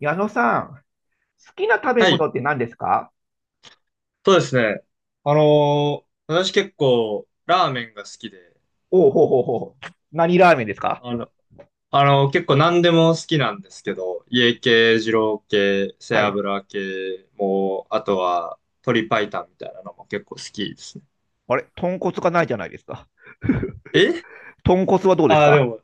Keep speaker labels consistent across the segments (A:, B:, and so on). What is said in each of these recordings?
A: 矢野さん、好きな食べ
B: はい、
A: 物って何ですか？
B: そうですね。あのー私結構ラーメンが好きで、
A: おうほうほうほう。何ラーメンですか？
B: あの、結構何でも好きなんですけど、家系、二郎系、背
A: はい。
B: 脂系も、あとは鶏白湯みたいなのも結構好きですね。
A: あれ豚骨がないじゃないですか。
B: え
A: 豚骨はどうです
B: ああー、で
A: か？
B: も、い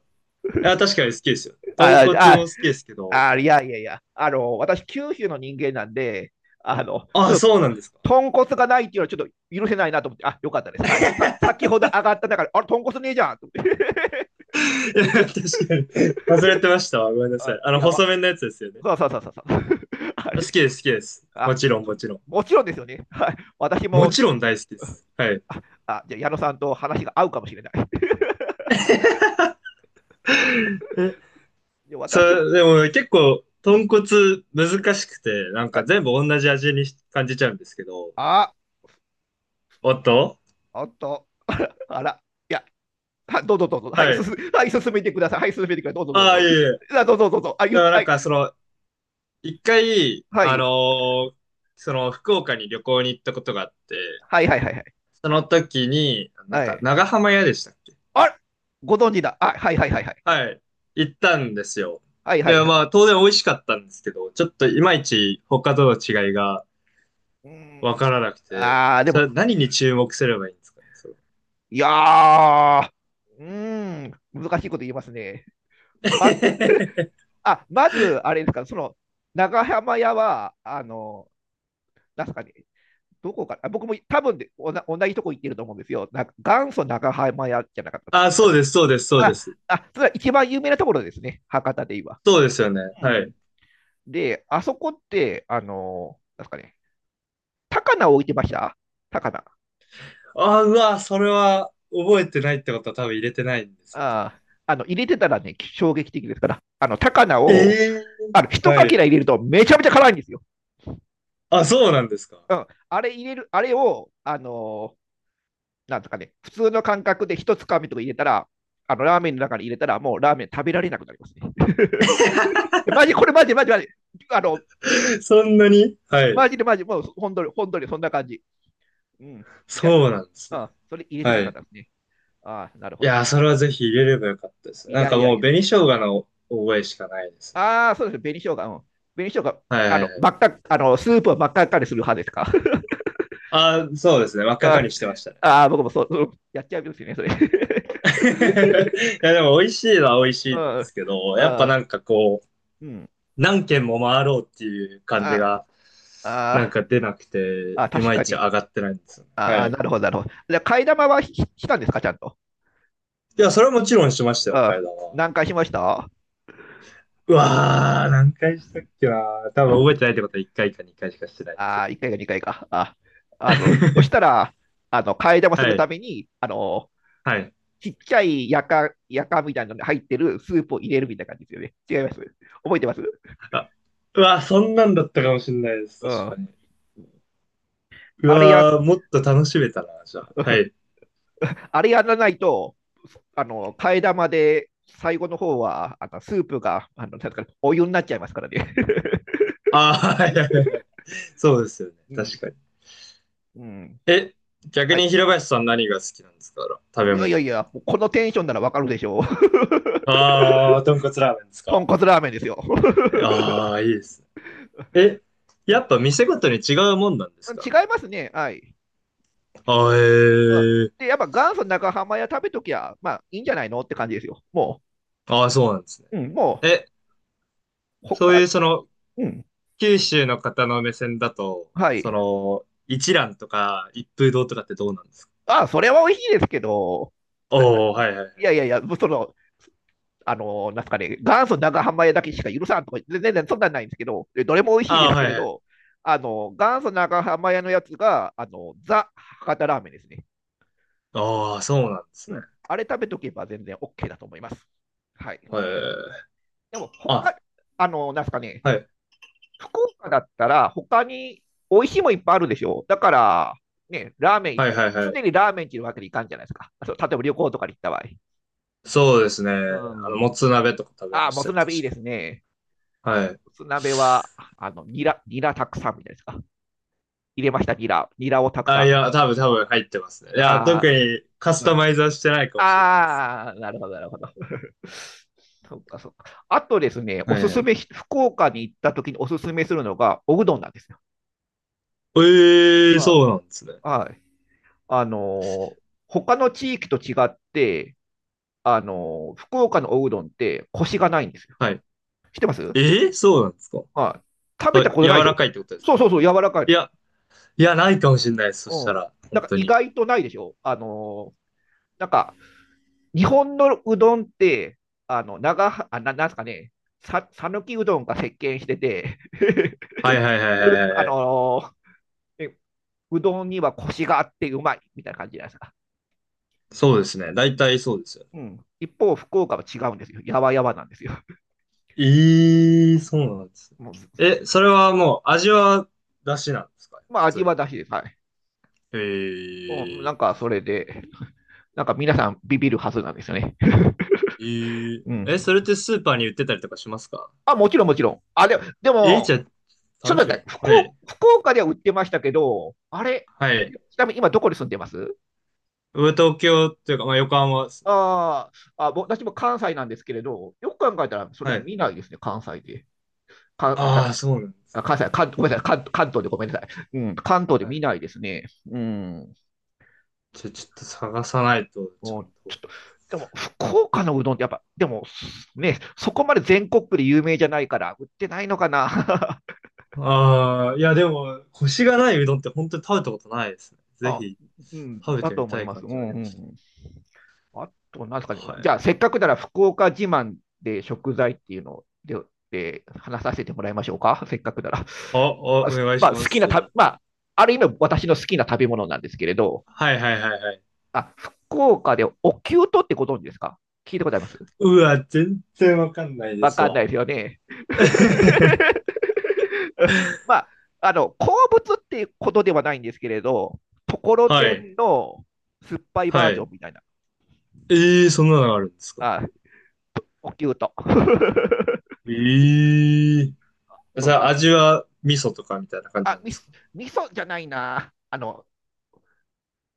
B: や、確かに好きですよ。豚
A: あ
B: 骨も
A: あ、
B: 好きですけど、
A: あ、あ、いやいやいや。私、九州の人間なんで、あの、
B: あ
A: ちょ
B: あ、
A: っと、
B: そうなんですか。
A: 豚骨がないっていうのはちょっと許せないなと思って、あ、よかったです。はい。さ先ほど上がった中で、あれ、豚骨ねえじゃんと思って。
B: いや、確かに。忘れてましたわ。ごめん なさ
A: あ、
B: い。
A: やば。
B: 細麺のやつですよね。
A: そうそうそうそうそう。あ
B: 好
A: れ、
B: きです、好きです。も
A: あ、
B: ちろん、
A: そ
B: もちろん。
A: もちろんですよね。はい。私
B: も
A: も
B: ちろん大好きです。はい。
A: ああじゃあ矢野さんと話が合うかもしれない。
B: え
A: で
B: そ
A: 私も、
B: れ、でも結構、
A: うん
B: 豚骨
A: うん
B: 難しくて、なん
A: は
B: か
A: い、
B: 全部同じ味に感じちゃうんですけど。
A: あ、
B: おっと、
A: おっと、あら、いや、はどうぞどうぞ、はい、
B: は
A: 進
B: い。
A: はい、進めてください、はい、進めてください、どうぞどう
B: ああ、い
A: ぞ、
B: えいえ。だか
A: あどうぞどうぞ、あ言っ
B: らな
A: は
B: ん
A: い、
B: かその、一回、
A: はい、
B: ーその福岡に旅行に行ったことがあって、
A: はい、はい、はい、
B: その時に、なん
A: は
B: か
A: い、
B: 長浜屋でしたっけ？
A: あご存知だ、あはい、はい、はい、は
B: はい。行ったんですよ。
A: い、はい、はい、
B: で、
A: はい、
B: まあ当然美味しかったんですけど、ちょっといまいち他との違いが
A: うー
B: わか
A: ん、
B: らなくて、
A: あー、で
B: そ
A: も、
B: れ何に注目すればいいんですかね、それ。
A: いやー、うーん、難しいこと言いますね。ま あまず、あれですか、長浜屋は、なんすかね、どこか、あ僕も多分でおな同じとこ行ってると思うんですよ。なんか元祖長浜屋じゃなかったで
B: あ、
A: す
B: そう
A: か。
B: です、そうです、そうで
A: あ、
B: す。
A: あ、それは一番有名なところですね、博多でい
B: そうですよね。
A: う
B: はい。
A: ん。で、あそこって、あのなんですかね、高菜を置いてました？高菜。
B: あ、うわ、それは覚えてないってことは多分入れてないんですよね。
A: あ入れてたらね、衝撃的ですから、あの、高菜
B: え
A: を、
B: えー、
A: あの、一
B: は
A: かけ
B: い。
A: ら入れるとめちゃめちゃ辛いんですよ。
B: あ、そうなんですか。
A: うん。あれ入れる、あれを、なんですかね、普通の感覚で一つかみとか入れたら、あの、ラーメンの中に入れたら、もうラーメン食べられなくなりますね。マジ、これマジ、マジ、マジ。あの、
B: そんなに、はい。
A: マジでマジ、もう本当に、本当にそんな感じ。うん。じゃ
B: そうなんですね。
A: あ、うん、それ入れて
B: は
A: なかっ
B: い。
A: たですね。ああ、なる
B: い
A: ほど
B: やー、それはぜひ入れればよかったです。
A: い
B: なん
A: や
B: か
A: いやい
B: もう
A: や。
B: 紅生姜の覚えしかないですね。
A: ああ、そうですね。紅生姜。うん。紅生姜、
B: はいはいは
A: 真
B: い。
A: っ赤、あの、スープを真っ赤っかにする派ですか？
B: あー、そうですね。真っ赤か
A: あ
B: にしてましたね。
A: あー、僕もそう、うんやっちゃうんですよね、それ。
B: いや、でも美味しいのは美味しいん
A: う
B: で
A: ん。
B: すけど、やっぱ
A: あ
B: なんかこう、
A: うん。
B: 何軒も回ろうっていう感じ
A: あ
B: が、
A: あ
B: なん
A: ー、
B: か出なくて、
A: あー
B: い
A: 確
B: まい
A: か
B: ち
A: に。
B: 上がってないんですよね。
A: あ
B: は
A: あ、
B: い。
A: なるほど、なるほど。じゃあ、替え玉はししたんですか、ちゃんと。
B: いや、それはもちろんしました
A: う
B: よ、
A: ん。
B: 階段は。
A: 何回しました？
B: うわー、何回したっけなー、多分覚えてないってことは1回か2回しかしてないです
A: あ
B: よ。
A: あ、1回か2回かいか。あ、そした ら、替え玉す
B: は
A: るた
B: い。
A: めに、
B: はい。
A: ちっちゃいやか、やかみたいなのに入ってるスープを入れるみたいな感じですよね。違います？覚えてます？
B: あ、うわー、そんなんだったかもしれないです、
A: う
B: 確か
A: ん。
B: に。う
A: あれや、
B: わー、もっと楽しめたな、じゃあ。はい。
A: あれやらないと、替え玉で最後の方は、あの、スープが、あの、なんですかねお湯になっちゃいますからね。
B: あー、はいはいはいはい。そうですよね、
A: う
B: 確
A: ん。
B: かに。
A: うん。
B: え、逆
A: はい。
B: に平林さん何が好きなんですか？食
A: い
B: べ
A: やい
B: 物だ
A: やい
B: と。
A: や、もうこのテンションならわかるでしょう。
B: あー、豚骨ラーメンです
A: 豚
B: か？
A: 骨ラーメンですよ。
B: ああ、いいですね。え、
A: う
B: や
A: ん、
B: っぱ店ごとに違うもんなんですか、
A: 違い
B: あれは。
A: ますね。はい。
B: ああ、
A: うん、
B: え
A: で、
B: え、
A: やっぱ元祖長浜屋食べときゃ、まあいいんじゃないのって感じですよ。も
B: ああ、そうなんですね。
A: う、うん、もう、
B: え、
A: 他、
B: そういうその、
A: うん、
B: 九州の方の目線だと、
A: は
B: そ
A: い。
B: の、一蘭とか一風堂とかってどうなんですか？
A: ああ、それは美味しいですけど、な、な、
B: おおー、はいはいは
A: いやい
B: い。
A: やいや、なんすかね、元祖長浜屋だけしか許さんとか、全然そんなんないんですけど、でどれも美味しいで
B: ああ、
A: すけ
B: はい
A: れ
B: はい。
A: ど、元祖長浜屋のやつが、あの、ザ・博多ラーメンですね。
B: ああ、そうなんです
A: う
B: ね。
A: ん。あれ食べとけば全然 OK だと思います。はい。
B: へえ。
A: でも、
B: あ、
A: 他、なんすかね、
B: はい
A: 福岡だったら、他に美味しいもいっぱいあるでしょ。だから、ね、ラーメン、
B: はいはい
A: 常
B: はい。
A: にラーメンっていうわけにいかんじゃないですか。そう例えば旅行とかに行った場合。
B: そうですね。
A: うん。
B: もつ鍋とか食べ
A: あ
B: ま
A: あ、
B: し
A: も
B: た
A: つ
B: よ、
A: 鍋いい
B: 確
A: で
B: か。
A: すね。
B: はい。
A: もつ鍋は、ニラ、ニラたくさんみたいですか。入れました、ニラ。ニラをたく
B: あ、
A: さ
B: いや、多分入ってますね。
A: ん。
B: いや、
A: あ
B: 特
A: あ、
B: にカス
A: う
B: タ
A: ん。
B: マイズはしてないかもしれないです。
A: ああ、なるほど、なるほど。そっか、そっか。あとですね、お
B: はい
A: す
B: は
A: す
B: い。
A: め、福岡に行った時におすすめするのが、おうどんなんですよ。
B: ええー、
A: は
B: そうなんですね。
A: い、はい。あの、他の地域と違って、福岡のおうどんってコシがないんですよ。
B: はい。
A: 知ってます？
B: ええー、そうなんですか？
A: はい。食
B: そ
A: べた
B: う、
A: こ
B: 柔
A: とないでし
B: ら
A: ょ？
B: かいってことです
A: そう
B: か？
A: そうそう、柔らかいの。
B: いや、いや、ないかもしれないです。そ
A: う
B: した
A: ん。
B: ら、
A: な
B: 本
A: んか
B: 当
A: 意
B: に。
A: 外とないでしょあの、なんか、日本のうどんって、あの、長は、あ、ななんですかね、さ、さぬきうどんが席巻してて
B: はいはいは いは
A: う
B: いはい
A: あ
B: はい。
A: のえうどんにはコシがあってうまいみたいな感じじゃないですか。
B: そうですね。大体そうですよね。
A: うん。一方、福岡は違うんですよ。やわやわなんですよ。
B: ええー、そうなんですね。
A: もう
B: え、それはもう、味は出汁なんですか、
A: まあ
B: 普
A: 味
B: 通に？
A: はだしです。はい。
B: え
A: うんな
B: え
A: ん
B: ー
A: かそれで、なんか皆さんビビるはずなんですよね。
B: えー
A: う
B: え、
A: ん。
B: それってスーパーに売ってたりとかしますか？
A: あ、もちろんもちろん。あ、でも、で
B: じ
A: も、
B: ゃ
A: ちょっ
B: あ、試し
A: と
B: てみ
A: 待
B: よ
A: って
B: うか
A: 福
B: な。は
A: 岡、
B: い。
A: 福岡では売ってましたけど、あれ、
B: はい。
A: ちなみに今どこに住んでます？
B: 上東京っていうか、まあ、横浜ですね。
A: あーあ、ぼ私も関西なんですけれど、よく考えたらそれ
B: は
A: で
B: い。
A: 見ないですね、関西で。か
B: ああ、
A: あ
B: そうなんで
A: あ
B: す。
A: 関西関、ごめんなさい関、関東でごめんなさい。うん、関東で
B: は
A: 見
B: い。
A: ないですね。うん。
B: じゃあ、ちょっと探さないと、ちゃ
A: も
B: ん
A: うちょっ
B: と。
A: と、でも福岡のうどんってやっぱ、でもね、そこまで全国区で有名じゃないから、売ってないのかな。
B: ああ、いや、でも、コシがないうどんって本当に食べたことないですね。ぜ
A: あ、
B: ひ、
A: うん、
B: 食べ
A: だ
B: て
A: と
B: み
A: 思
B: た
A: い
B: い
A: ます。
B: 感
A: う
B: じはあ
A: んう
B: り
A: んう
B: ますけど。
A: ん。あと、なんですかね。
B: は
A: じゃあ、
B: い。
A: せっかくなら福岡自慢で食材っていうのをで、で話させてもらいましょうか。せっかくなら。
B: あ、あ、
A: あ
B: お願い
A: ま
B: し
A: あ、好
B: ま
A: き
B: す、
A: な
B: ぜ
A: た、
B: ひ。
A: まあ、ある意味私の好きな食べ物なんですけれど、
B: はいはいはいはい。
A: あ、福岡でおきゅうとってご存知ですか？聞いたことあります？
B: うわ、全然わかんないで
A: わ
B: す
A: かんな
B: わ。
A: いですよね。まあ、鉱物っていうことではないんですけれど、ところ
B: は
A: て
B: い。
A: んの酸っぱいバ
B: は
A: ージョ
B: い。
A: ンみたいな、
B: ええー、そんなのがあるんですか？
A: あ、おきゅうと。
B: ええー。
A: と
B: じゃあ、
A: 何
B: 味は味噌とかみたいな感じ
A: あ、
B: なんで
A: み、
B: すか？
A: 味噌じゃないな。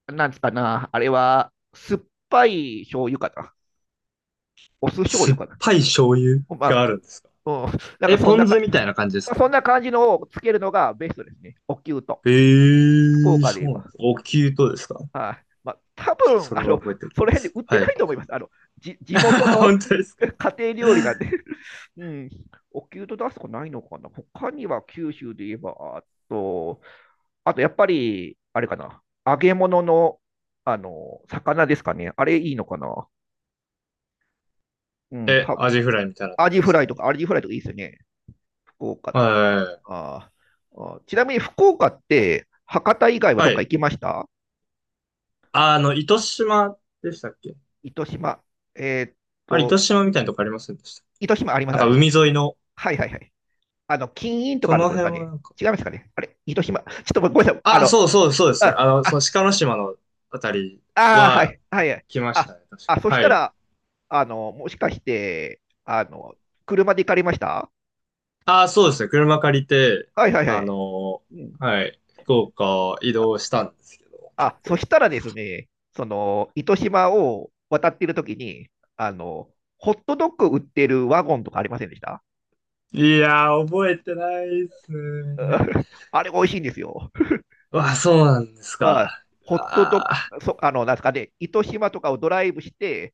A: なんつかな。あれは、酸っぱい醤油かな。お酢醤
B: 酸
A: 油
B: っ
A: かな。
B: ぱい醤油
A: ま
B: が
A: あ、
B: あるんですか？
A: うん、なんか
B: え、
A: そん
B: ポ
A: な
B: ン
A: か、
B: 酢みたいな感じですか？
A: そんな感じのをつけるのがベストですね。おきゅうと。福岡で言
B: そ
A: え
B: うなんで
A: ば。
B: すお灸とですか？
A: はい、まあ、多
B: ちょっと
A: 分
B: それ
A: あ
B: は
A: の
B: 覚えてお
A: そ
B: き
A: の
B: ま
A: 辺で
B: す。
A: 売って
B: は
A: な
B: い。
A: いと思います。あのじ地元 の
B: 本当ですか？
A: 家庭料理なんで、うん、お給と出すとこないのかな。他には九州で言えば、あと、あとやっぱり、あれかな、揚げ物のあの魚ですかね。あれいいのかな。うん、
B: え、
A: た
B: アジフライみたいなって
A: ア
B: こと
A: ジ
B: で
A: フ
B: す
A: ラ
B: か？
A: イとか、アジフライとかいいですよね。福岡だったら。
B: は
A: あーあーちなみに福岡って、博多以外は
B: い。
A: ど
B: は
A: っか
B: い。
A: 行きました？
B: 糸島でしたっけ？
A: 糸島。えーっ
B: あれ、
A: と、
B: 糸島みたいなとこありませんでした？
A: 糸島ありま
B: な
A: す、あ
B: ん
A: れ。
B: か海沿いの、
A: はいはいはい。金印とか
B: そ
A: のと
B: の
A: ころですか
B: 辺は
A: ね。
B: なんか。
A: 違いますかね。あれ、広島。ちょっとごめんなさい。あ
B: あ、
A: の、
B: そうそうそうですね。
A: あ、
B: その
A: あ、
B: 鹿の島のあたり
A: あー、は
B: は
A: い、は
B: 行
A: いはい。
B: きまし
A: あ、
B: たね、確
A: あ、
B: か。
A: そし
B: は
A: た
B: い。
A: ら、もしかして、車で行かれました？
B: ああ、そうですね。車借りて、
A: はいはいは
B: あ
A: い。
B: の
A: うん。
B: はい、福岡移
A: あ、
B: 動したんですけど、結
A: あ、そ
B: 構。
A: したらですね、その、糸島を渡っているときに、ホットドッグ売ってるワゴンとかありませんでした？
B: いやー、覚えてないっす
A: う
B: ね。
A: ん あれ美味しいんですよ。
B: わあ、そうなんですか。
A: はい。ホットドッグ、
B: あ
A: そ、なんですかね、糸島とかをドライブして、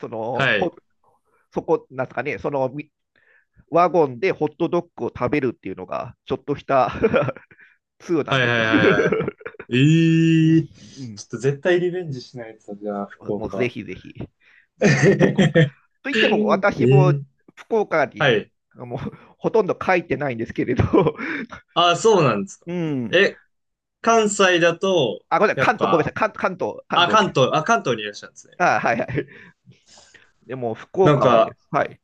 A: そ
B: あ、
A: の、
B: は
A: ホ
B: い。
A: そこ、なんですかね、そのワゴンでホットドッグを食べるっていうのが、ちょっとした 通な
B: は
A: ん
B: いはい
A: ですよ。
B: はいはい。
A: うんう
B: ええー、
A: ん
B: ちょっと絶対リベンジしないと、じゃあ、福
A: もうぜ
B: 岡。
A: ひぜひ、もう、福岡
B: え
A: といっても私も
B: ー、
A: 福岡
B: は
A: に
B: い。
A: もうほとんど書いてないんですけれど、
B: ああ、そうなんですか。
A: うん、
B: え、関西だと、
A: あ、ごめんなさい、
B: や
A: 関
B: っ
A: 東、ごめんなさ
B: ぱ、
A: い、関関東、関
B: あ、
A: 東
B: 関
A: です。
B: 東、あ、関東にいらっしゃるんですね。
A: あ、はいはい。でも、福
B: なん
A: 岡はで
B: か、
A: す。はい。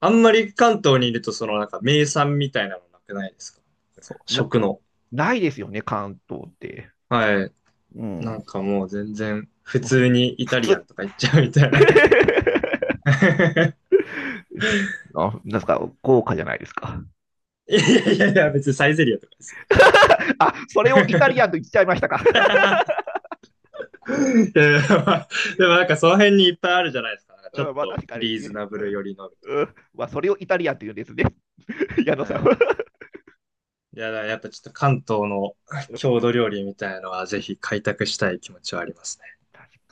B: あんまり関東にいると、そのなんか名産みたいなのなくないですか？そう、
A: な、
B: 食の。
A: ないですよね、関東って。
B: はい。
A: う
B: な
A: ん。
B: んかもう全然、普通にイ
A: 普
B: タリア
A: 通。
B: ンとか行っちゃうみたいな。
A: あ、なんですか、豪華じゃないですか。
B: いやいやいや、別にサイゼリアとかですよ。
A: あ、それをイタリアンと言っちゃいましたか。
B: いやいやまあ、でもなんかその辺にいっぱいあるじゃないですか。なんかちょっ
A: うん、まあ
B: と
A: 確かに。
B: リーズナブ
A: う
B: ル
A: ん、
B: 寄りのみたい
A: まあそれをイタリアンというんですね。矢
B: な。
A: 野さん
B: は
A: は。
B: い。いや、だからやっぱちょっと関東の郷土料理みたいなのはぜひ開拓したい気持ちはありますね。